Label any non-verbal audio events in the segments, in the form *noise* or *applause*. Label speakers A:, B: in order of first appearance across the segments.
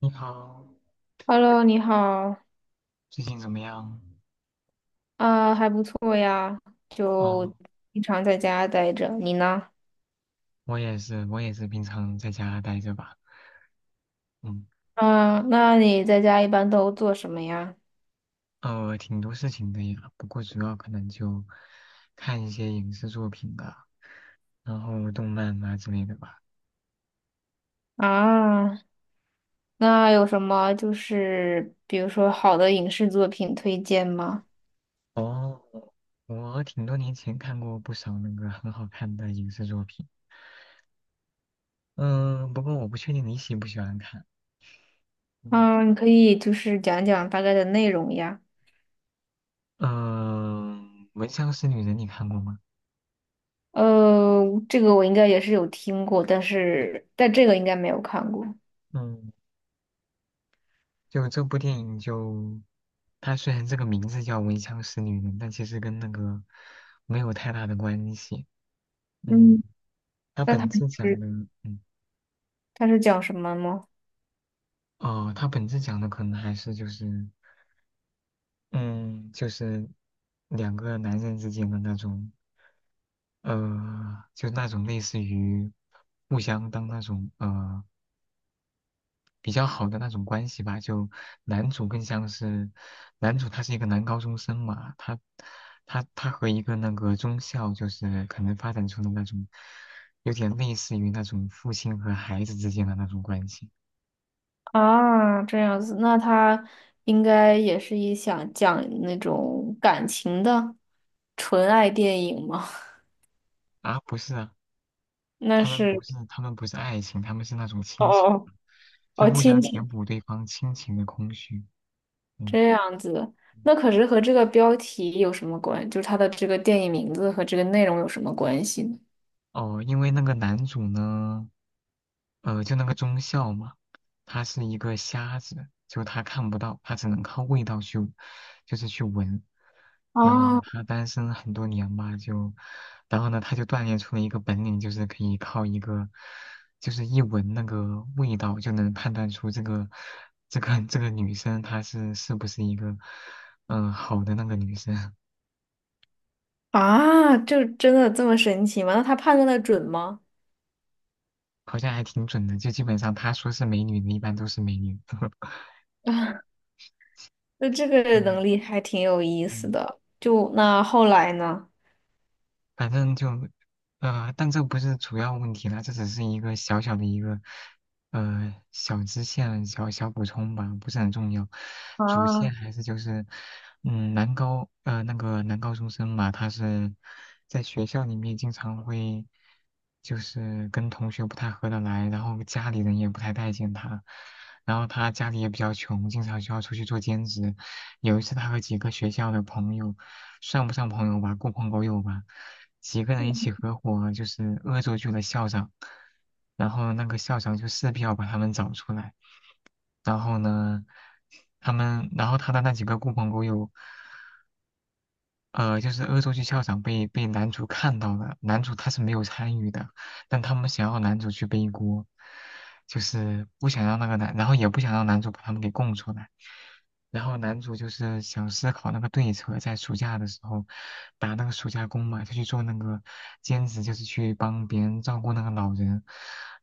A: 你好，
B: Hello，你好，
A: 最近怎么样？
B: 啊、还不错呀，就
A: 哦，
B: 经常在家待着。你呢？
A: 我也是，平常在家待着吧。嗯，
B: 啊、那你在家一般都做什么呀？
A: 挺多事情的呀，不过主要可能就看一些影视作品吧，然后动漫啊之类的吧。
B: 啊，那有什么就是比如说好的影视作品推荐吗？
A: 哦，我挺多年前看过不少那个很好看的影视作品，嗯、不过我不确定你喜不喜欢看。嗯，
B: 嗯，你可以就是讲讲大概的内容呀。
A: 嗯、闻香识女人》你看过吗？
B: 呃，这个我应该也是有听过，但这个应该没有看过。
A: 嗯，就这部电影就，它虽然这个名字叫《闻香识女人》，但其实跟那个没有太大的关系。嗯，
B: 嗯，
A: 它
B: 那它
A: 本质讲
B: 时
A: 的，嗯，
B: 它是讲什么吗？
A: 哦，它本质讲的可能还是就是，嗯，就是两个男人之间的那种，就那种类似于互相当那种比较好的那种关系吧，就男主更像是，男主他是一个男高中生嘛，他和一个那个中校就是可能发展出的那种，有点类似于那种父亲和孩子之间的那种关系。
B: 啊，这样子，那他应该也是一想讲那种感情的纯爱电影吗？*laughs*
A: 啊，不是啊，
B: 那
A: 他们不
B: 是
A: 是他们不是爱情，他们是那种
B: 哦
A: 亲情，
B: 哦
A: 就
B: 哦，
A: 互
B: 亲
A: 相填
B: 情
A: 补对方亲情的空虚，嗯，
B: 这样子，
A: 嗯
B: 那可是和这个标题有什么关？就是它的这个电影名字和这个内容有什么关系呢？
A: 哦，因为那个男主呢。就那个中校嘛，他是一个瞎子，就他看不到，他只能靠味道去，就是去闻。然后呢，
B: 啊
A: 他单身很多年吧，就，然后呢，他就锻炼出了一个本领，就是可以靠一个，就是一闻那个味道就能判断出这个，这个女生她是不是一个，好的那个女生，
B: 啊，就真的这么神奇吗？那他判断的准吗？
A: 好像还挺准的，就基本上他说是美女的，一般都是美女。*laughs*
B: *laughs* 啊，那这个
A: 嗯
B: 能力还挺有意思
A: 嗯。
B: 的。就那后来呢？
A: 反正就，但这不是主要问题啦，这只是一个小小的一个，小支线、小小补充吧，不是很重要。主线
B: 啊，
A: 还是就是，那个男高中生嘛，他是在学校里面经常会，就是跟同学不太合得来，然后家里人也不太待见他，然后他家里也比较穷，经常需要出去做兼职，有一次他和几个学校的朋友，算不上朋友吧，狐朋狗友吧，几个人一起合伙就是恶作剧了校长，然后那个校长就势必要把他们找出来，然后呢，他们，然后他的那几个狐朋狗友就是恶作剧校长被男主看到了，男主他是没有参与的，但他们想要男主去背锅，就是不想让那个男，然后也不想让男主把他们给供出来，然后男主就是想思考那个对策，在暑假的时候打那个暑假工嘛，他去做那个兼职，就是去帮别人照顾那个老人，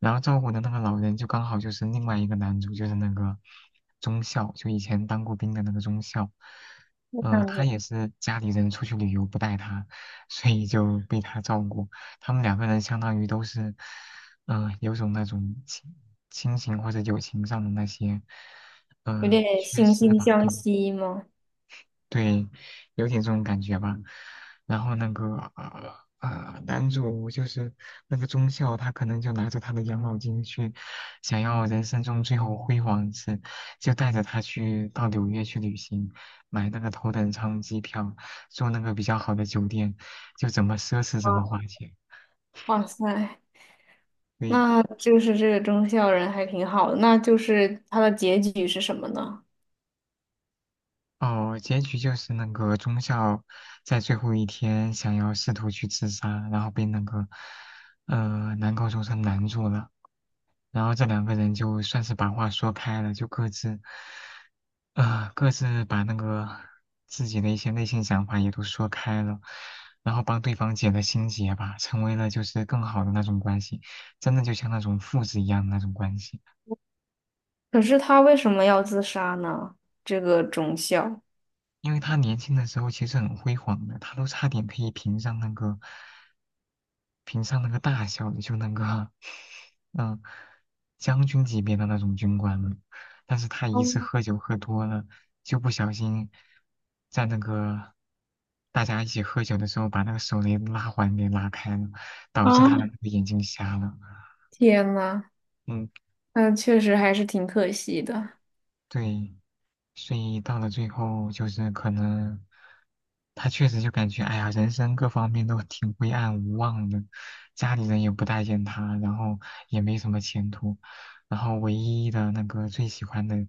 A: 然后照顾的那个老人就刚好就是另外一个男主，就是那个中校，就以前当过兵的那个中校。
B: 这样
A: 他
B: 子。
A: 也是家里人出去旅游不带他，所以就被他照顾。他们两个人相当于都是，有种那种亲情或者友情上的那些，
B: 有点
A: 缺
B: 惺
A: 失
B: 惺
A: 吧，
B: 相
A: 对吧？
B: 惜吗？
A: 对，有点这种感觉吧。然后那个男主就是那个中校，他可能就拿着他的养老金去，想要人生中最后辉煌一次，就带着他去到纽约去旅行，买那个头等舱机票，住那个比较好的酒店，就怎么奢侈怎么花
B: 哇
A: 钱。
B: 哇塞，
A: 对，
B: 那就是这个忠孝人还挺好的。那就是他的结局是什么呢？
A: 哦，结局就是那个中校在最后一天想要试图去自杀，然后被那个男高中生拦住了。然后这两个人就算是把话说开了，就各自，各自把那个自己的一些内心想法也都说开了，然后帮对方解了心结吧，成为了就是更好的那种关系，真的就像那种父子一样的那种关系。
B: 可是他为什么要自杀呢？这个忠孝，
A: 因为他年轻的时候其实很辉煌的，他都差点可以评上那个大小的就那个，嗯，将军级别的那种军官了。但是他一次
B: 嗯
A: 喝酒喝多了，就不小心在那个大家一起喝酒的时候，把那个手雷拉环给拉开了，导
B: 啊，
A: 致他的那个眼睛瞎了。
B: 天呐，
A: 嗯，
B: 那确实还是挺可惜的
A: 对，所以到了最后，就是可能他确实就感觉，哎呀，人生各方面都挺灰暗无望的，家里人也不待见他，然后也没什么前途，然后唯一的那个最喜欢的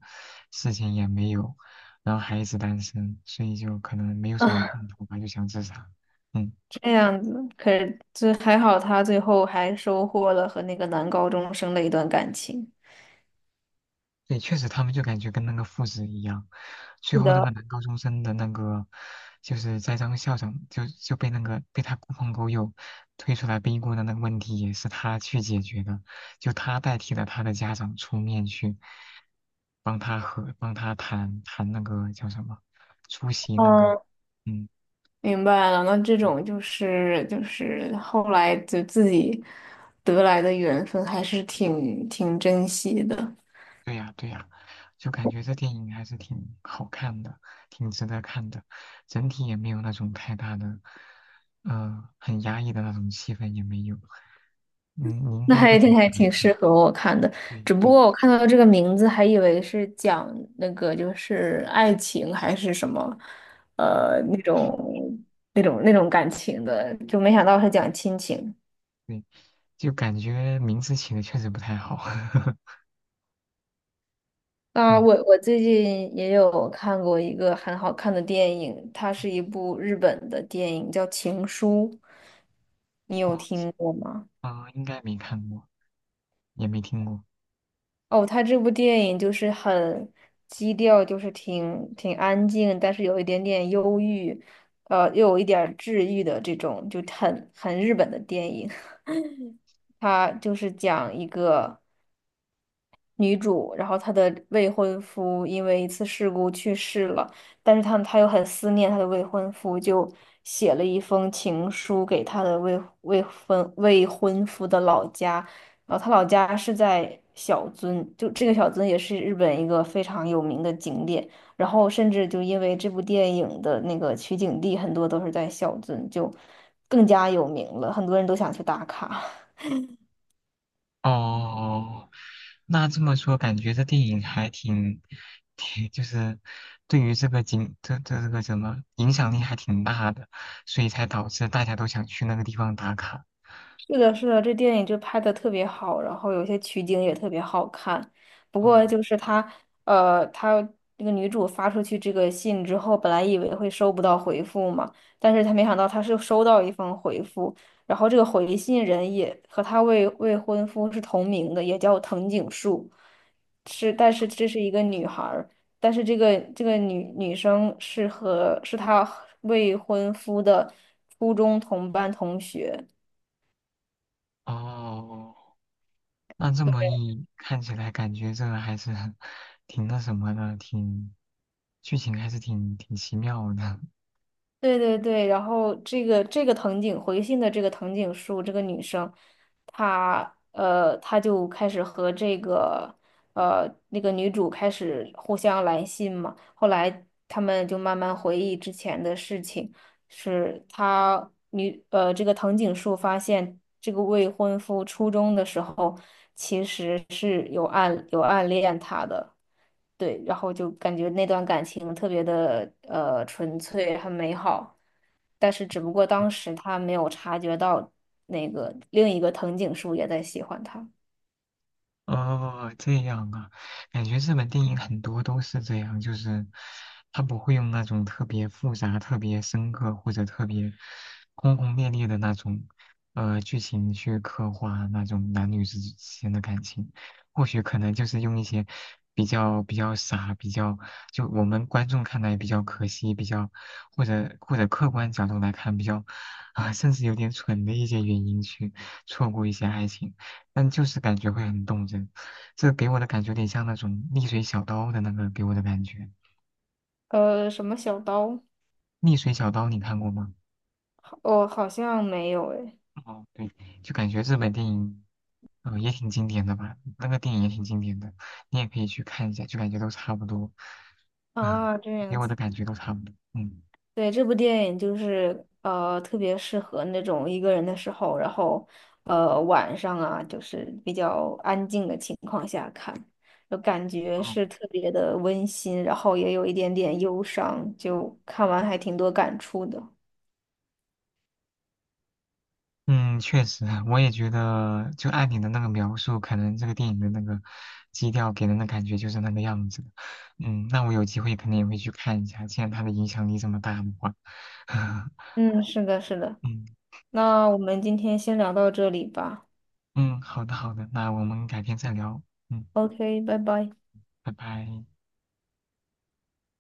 A: 事情也没有，然后还一直单身，所以就可能没有什么
B: 啊。
A: 盼头吧，就想自杀。嗯。
B: 这样子，可是这还好，他最后还收获了和那个男高中生的一段感情。
A: 对，确实他们就感觉跟那个父子一样。最
B: 是
A: 后那个
B: 的，
A: 男高中生的那个，就是栽赃校长就被那个被他狐朋狗友推出来逼锅的那个问题，也是他去解决的，就他代替了他的家长出面去帮他和帮他谈谈那个叫什么出席那个，
B: 嗯。
A: 嗯。
B: 明白了，那这种就是后来就自己得来的缘分，还是挺珍惜的。
A: 对呀，对呀，就感觉这电影还是挺好看的，挺值得看的，整体也没有那种太大的，很压抑的那种气氛也没有。嗯，你
B: *laughs*
A: 应
B: 那
A: 该会
B: 还
A: 挺
B: 挺
A: 喜
B: 还
A: 欢
B: 挺
A: 的。
B: 适合我看的，
A: 对
B: 只不
A: 对，
B: 过我看到这个名字还以为是讲那个就是爱情还是什么，
A: 嗯，
B: 那种那种感情的，就没想到是讲亲情。
A: 对，就感觉名字起的确实不太好。*laughs*
B: 啊，
A: 嗯，
B: 我最近也有看过一个很好看的电影，它是一部日本的电影，叫《情书》，你
A: 我
B: 有听过吗？
A: 啊，应该没看过，也没听过。
B: 哦，它这部电影就是很基调，就是挺安静，但是有一点点忧郁，又有一点儿治愈的这种，就很日本的电影。*laughs* 它就是讲一个女主，然后她的未婚夫因为一次事故去世了，但是她又很思念她的未婚夫，就写了一封情书给她的未婚夫的老家，然后她老家是在小樽，就这个小樽也是日本一个非常有名的景点，然后甚至就因为这部电影的那个取景地很多都是在小樽，就更加有名了，很多人都想去打卡。
A: 哦，哦那这么说，感觉这电影还挺就是对于这个景，这个什么影响力还挺大的，所以才导致大家都想去那个地方打卡。
B: 是的，这电影就拍的特别好，然后有些取景也特别好看。不过
A: 哦
B: 就是她，她这个女主发出去这个信之后，本来以为会收不到回复嘛，但是她没想到她是收到一封回复，然后这个回信人也和她未婚夫是同名的，也叫藤井树，是，但是这是一个女孩儿，但是这个女生是她未婚夫的初中同班同学。
A: 哦，那这么一看起来，感觉这个还是 *laughs* 挺那什么的，挺剧情还是挺奇妙的。
B: 对，然后这个藤井回信的这个藤井树这个女生，她就开始和这个那个女主开始互相来信嘛。后来他们就慢慢回忆之前的事情，是她女呃这个藤井树发现这个未婚夫初中的时候其实是有暗恋她的。对，然后就感觉那段感情特别的纯粹，很美好，但是只不过当时他没有察觉到那个另一个藤井树也在喜欢他。
A: 哦，这样啊，感觉日本电影很多都是这样，就是他不会用那种特别复杂、特别深刻或者特别轰轰烈烈的那种剧情去刻画那种男女之间的感情，或许可能就是用一些比较傻、比较就我们观众看来比较可惜、比较或者客观角度来看比较啊、甚至有点蠢的一些原因去错过一些爱情。但就是感觉会很动人。这给我的感觉有点像那种逆水小刀的那个给我的感觉。
B: 呃，什么小刀？
A: 逆水小刀你看过吗？
B: 哦，好像没有诶。
A: 哦，对，就感觉日本电影，也挺经典的吧，那个电影也挺经典的，你也可以去看一下，就感觉都差不多，啊，
B: 啊，这
A: 给
B: 样
A: 我的
B: 子。
A: 感觉都差不多，嗯。
B: 对，这部电影就是特别适合那种一个人的时候，然后晚上啊，就是比较安静的情况下看，就感觉是
A: 哦。
B: 特别的温馨，然后也有一点点忧伤，就看完还挺多感触的。
A: 嗯，确实，我也觉得，就按你的那个描述，可能这个电影的那个基调给人的感觉就是那个样子的。嗯，那我有机会肯定也会去看一下，既然它的影响力这么大的话。*laughs*
B: 嗯，是的。
A: 嗯
B: 那我们今天先聊到这里吧。
A: 嗯，好的好的，那我们改天再聊。嗯，
B: OK，拜拜。
A: 拜拜。